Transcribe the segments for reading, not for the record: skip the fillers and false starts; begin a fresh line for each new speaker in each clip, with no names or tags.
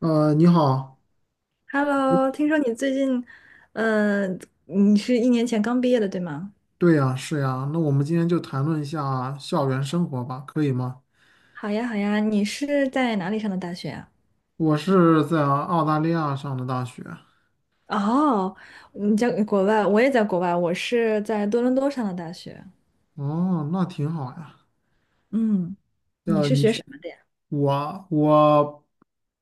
你好。
Hello，听说你最近，嗯、你是一年前刚毕业的，对吗？
对呀，是呀，那我们今天就谈论一下校园生活吧，可以吗？
好呀，好呀，你是在哪里上的大学啊？
我是在澳大利亚上的大学。
哦，你在国外，我也在国外，我是在多伦多上的大学。
哦，那挺好呀。
嗯，你
呃，
是
你
学
学
什么的呀？
我我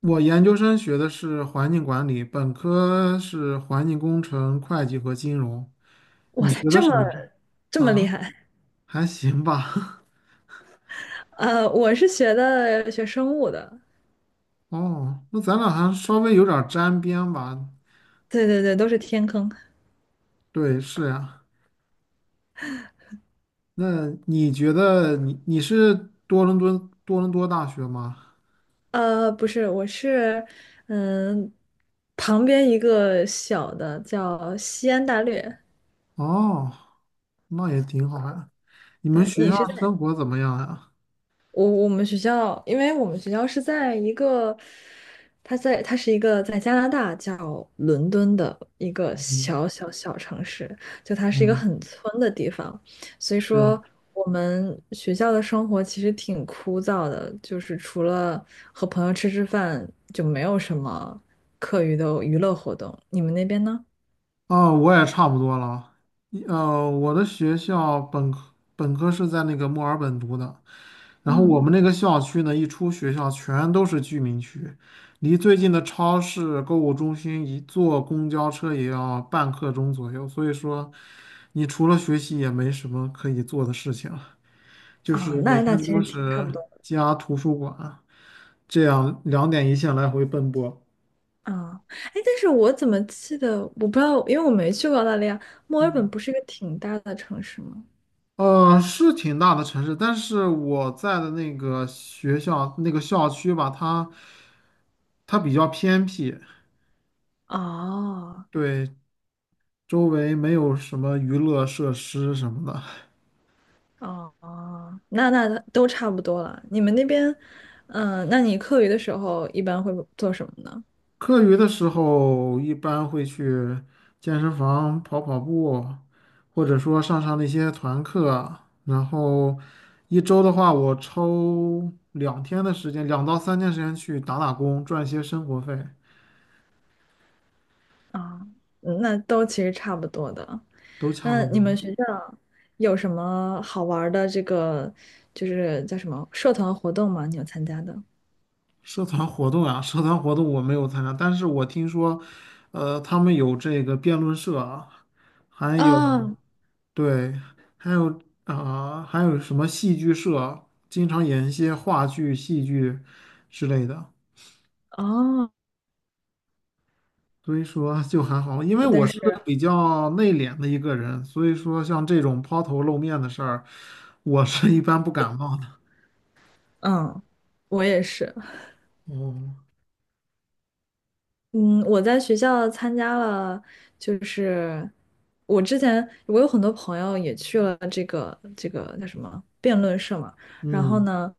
我研究生学的是环境管理，本科是环境工程、会计和金融。
哇
你
塞，
学的什么是？
这么厉
啊，
害！
还行吧。
我是学生物的，
哦，那咱俩还稍微有点儿沾边吧？
对对对，都是天坑。
对，是呀。那你觉得你是多伦多多伦多大学吗？
不是，我是，嗯、旁边一个小的叫西安大略。
哦，那也挺好呀。你们
对，
学
你
校
是在？
生活怎么样呀？
我们学校，因为我们学校是在一个，它是一个在加拿大叫伦敦的一个
嗯
小城市，就它是一个
嗯，
很村的地方，所以
是。
说我们学校的生活其实挺枯燥的，就是除了和朋友吃吃饭，就没有什么课余的娱乐活动。你们那边呢？
啊，我也差不多了。我的学校本科是在那个墨尔本读的。然后
嗯，
我们那个校区呢，一出学校全都是居民区，离最近的超市、购物中心一坐公交车也要半刻钟左右。所以说，你除了学习也没什么可以做的事情了，就
啊，
是每
那
天
其
都
实挺差
是
不多。
家、图书馆这样两点一线来回奔波。
啊，哎，但是我怎么记得，我不知道，因为我没去过澳大利亚。墨尔本
嗯。
不是一个挺大的城市吗？
是挺大的城市，但是我在的那个学校那个校区吧，它比较偏僻。
哦，
对，周围没有什么娱乐设施什么的。
哦，哦，那都差不多了。你们那边，那你课余的时候一般会做什么呢？
课余的时候，一般会去健身房跑跑步，或者说上上那些团课。然后一周的话，我抽2天的时间，2到3天时间去打打工，赚一些生活费。
啊、嗯那都其实差不多的。
都差
那
不
你们
多。
学校有什么好玩儿的这个，就是叫什么社团活动吗？你有参加的？
社团活动啊，社团活动我没有参加，但是我听说，他们有这个辩论社啊。还有
啊，
对，还有啊、还有什么戏剧社，经常演一些话剧、戏剧之类的。
哦，
所以说就还好。因为我
但
是
是，
比较内敛的一个人，所以说像这种抛头露面的事儿，我是一般不感冒的。
嗯，我也是。
哦。
嗯，我在学校参加了，就是我之前我有很多朋友也去了这个叫什么辩论社嘛，然后
嗯，
呢，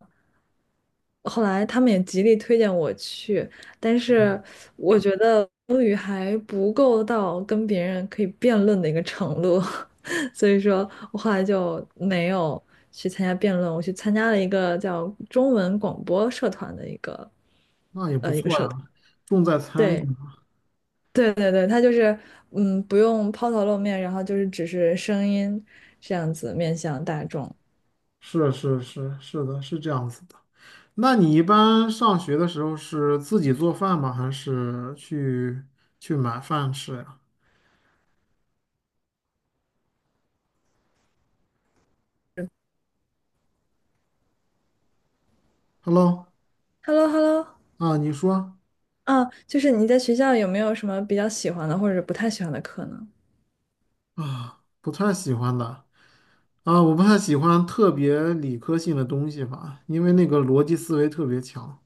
后来他们也极力推荐我去，但是我觉得英语还不够到跟别人可以辩论的一个程度，所以说我后来就没有去参加辩论，我去参加了一个叫中文广播社团的一个
那也不
一个
错
社团，
呀，重在参与
对。
嘛。
对对对，它就是嗯，不用抛头露面，然后就是只是声音这样子面向大众。
是是是是的，是这样子的。那你一般上学的时候是自己做饭吗？还是去买饭吃呀？Hello。
h e l l o h e l l o
啊，你说。
啊，就是你在学校有没有什么比较喜欢的或者不太喜欢的课呢？
啊，不太喜欢的。啊，我不太喜欢特别理科性的东西吧，因为那个逻辑思维特别强，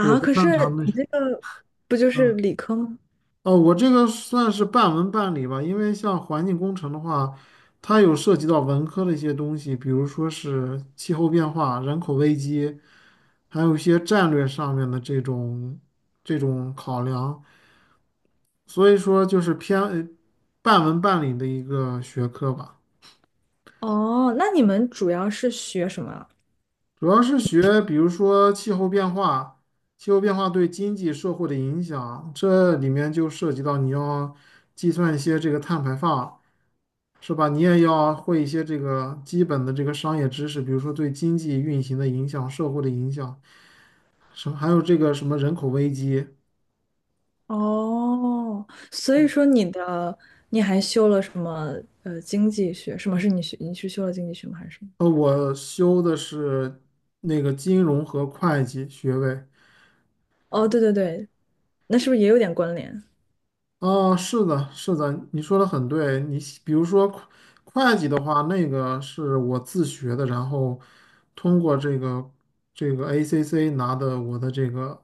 我不
可
擅长
是你
那。
这个不就是
啊。
理科吗？
哦，我这个算是半文半理吧。因为像环境工程的话，它有涉及到文科的一些东西，比如说是气候变化、人口危机，还有一些战略上面的这种考量。所以说就是偏半文半理的一个学科吧。
哦，那你们主要是学什么啊
主要是学比如说气候变化，气候变化对经济社会的影响，这里面就涉及到你要计算一些这个碳排放。是吧？你也要会一些这个基本的这个商业知识，比如说对经济运行的影响、社会的影响，什么还有这个什么人口危机。
哦，所以说你还修了什么经济学？什么是你学？你是修了经济学吗？还是什么？
我修的是那个金融和会计学位。
哦，对对对，那是不是也有点关联？
啊，是的，是的，你说的很对。你比如说会计的话，那个是我自学的，然后通过这个 ACC 拿的我的这个。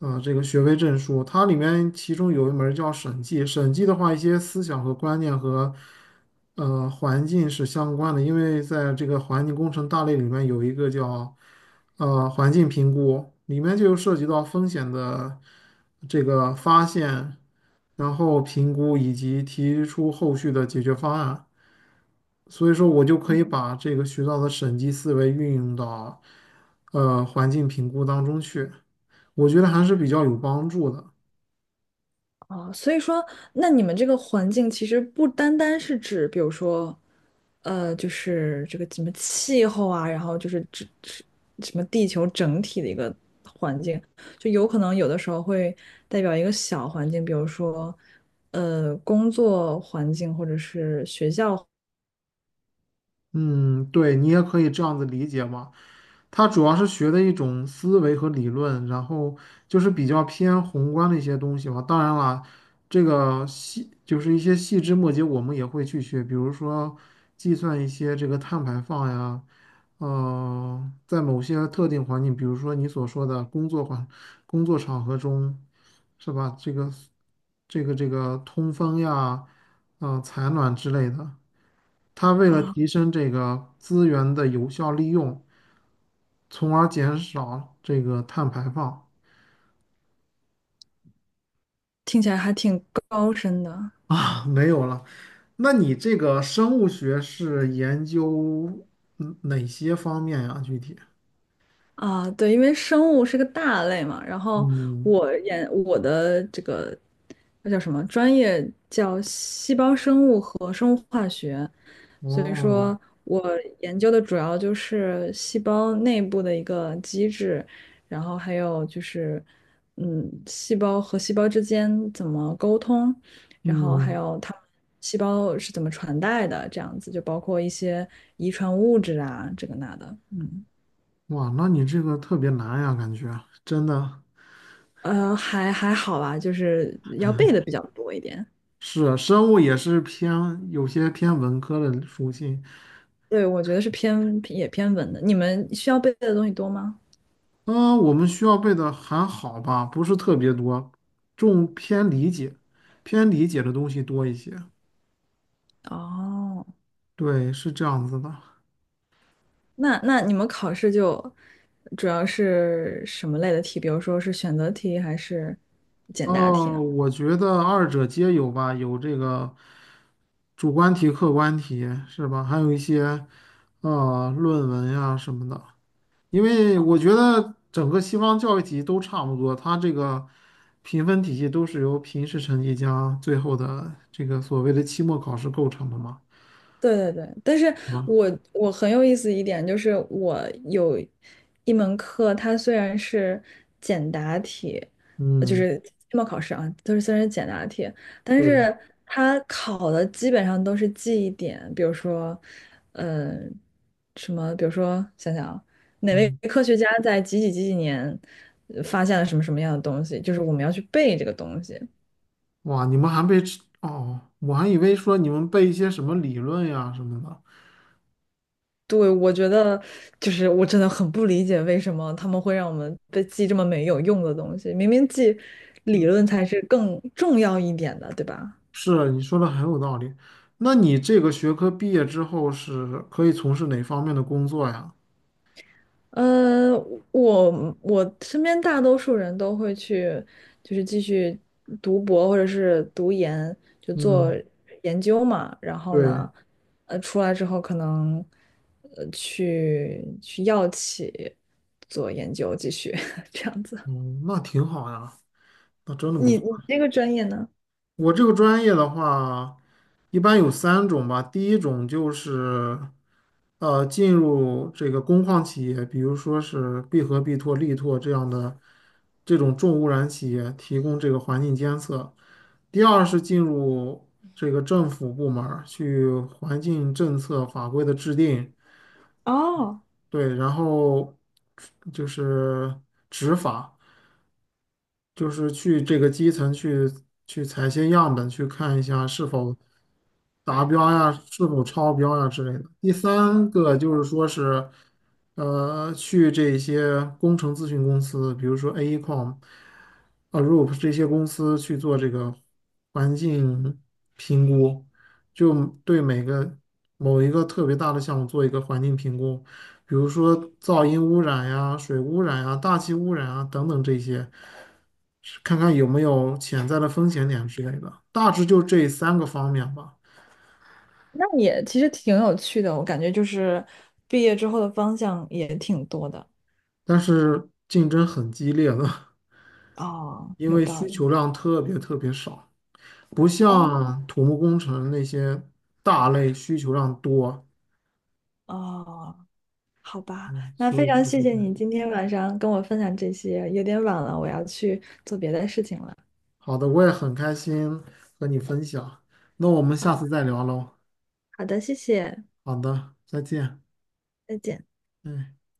这个学位证书，它里面其中有一门儿叫审计。审计的话，一些思想和观念和环境是相关的，因为在这个环境工程大类里面有一个叫环境评估，里面就涉及到风险的这个发现，然后评估以及提出后续的解决方案。所以说，我就可以把这个学到的审计思维运用到环境评估当中去。我觉得还是比较有帮助的。
哦，所以说，那你们这个环境其实不单单是指，比如说，呃，就是这个什么气候啊，然后指什么地球整体的一个环境，就有可能有的时候会代表一个小环境，比如说，呃，工作环境或者是学校
嗯，对，你也可以这样子理解嘛。它主要是学的一种思维和理论，然后就是比较偏宏观的一些东西嘛。当然了，这个细就是一些细枝末节，我们也会去学，比如说计算一些这个碳排放呀。在某些特定环境，比如说你所说的工作场合中，是吧？这个通风呀、采暖之类的。它为了
啊，
提升这个资源的有效利用，从而减少这个碳排放。
听起来还挺高深的。
啊，没有了。那你这个生物学是研究哪些方面呀？具体？
啊，对，因为生物是个大类嘛，然后
嗯。
我的这个那叫什么专业叫细胞生物和，所以
哦。
说我研究的主要就是细胞内部的一个机制，然后还有就是嗯，细胞和细胞之间怎么沟通，然后还
嗯。
有它们细胞是怎么传代的，这样子就包括一些遗传物质啊，这个那的，嗯。
哇，那你这个特别难呀，感觉真的
还好吧，就是要背的比较多一点。
是生物也是偏有些偏文科的属性。
对，我觉得是也偏文的。你们需要背的东西多吗？
嗯，我们需要背的还好吧，不是特别多，重偏理解，偏理解的东西多一些。
哦，
对，是这样子的。
那你们考试就主要是什么类的题？比如说是选择题还是简答题
哦，
呢？
我觉得二者皆有吧，有这个主观题、客观题，是吧？还有一些论文呀什么的。因为我觉得整个西方教育体系都差不多，它这个评分体系都是由平时成绩加最后的这个所谓的期末考试构成的嘛。
对对对，但是
啊。
我我很有意思一点就是，我有一门课，它虽然是简答题，就
嗯。
是期末考试啊，就是虽然是简答题，但
对。
是它考的基本上都是记忆点，比如说，呃，什么，比如说想想啊，哪位
嗯。
科学家在几几几几年发现了什么什么样的东西，就是我们要去背这个东西。
哇，你们还被吃哦，我还以为说你们背一些什么理论呀什么的。
对，我觉得就是我真的很不理解为什么他们会让我们被记这么没有用的东西，明明记理论才是更重要一点的，对吧？
是啊，你说的很有道理。那你这个学科毕业之后是可以从事哪方面的工作呀？
呃，我身边大多数人都会去，就是继续读博或者是读研，就做
嗯。
研究嘛。然后
对。
呢，呃，出来之后可能去药企做研究，继续 这样子。
嗯。那挺好呀，那真的不
你
错。
你这个专业呢？
我这个专业的话，一般有三种吧。第一种就是进入这个工矿企业，比如说是闭合、必拓、力拓这样的这种重污染企业，提供这个环境监测。第二是进入这个政府部门儿去环境政策法规的制定。
哦，
对，然后就是执法。就是去这个基层去采些样本，去看一下是否达标呀，是否超标呀之类的。第三个就是说是，去这些工程咨询公司，比如说 AECOM、Arup 这些公司去做这个环境评估，就对每个某一个特别大的项目做一个环境评估。比如说噪音污染呀、水污染呀、大气污染啊等等这些，是看看有没有潜在的风险点之类的。大致就这三个方面吧。
那也其实挺有趣的，我感觉就是毕业之后的方向也挺多的。
但是竞争很激烈的。
哦，
因
有
为
道
需
理。
求量特别特别少，不
哦，
像土木工程那些大类需求量多。
哦，好吧，
嗯，
那非
所以
常
就
谢
是这
谢
样。
你今天晚上跟我分享这些，有点晚了，我要去做别的事情了。
好的，我也很开心和你分享。那我们下
好，
次再聊喽。
好的，谢谢，
好的，再见。
再见。
嗯。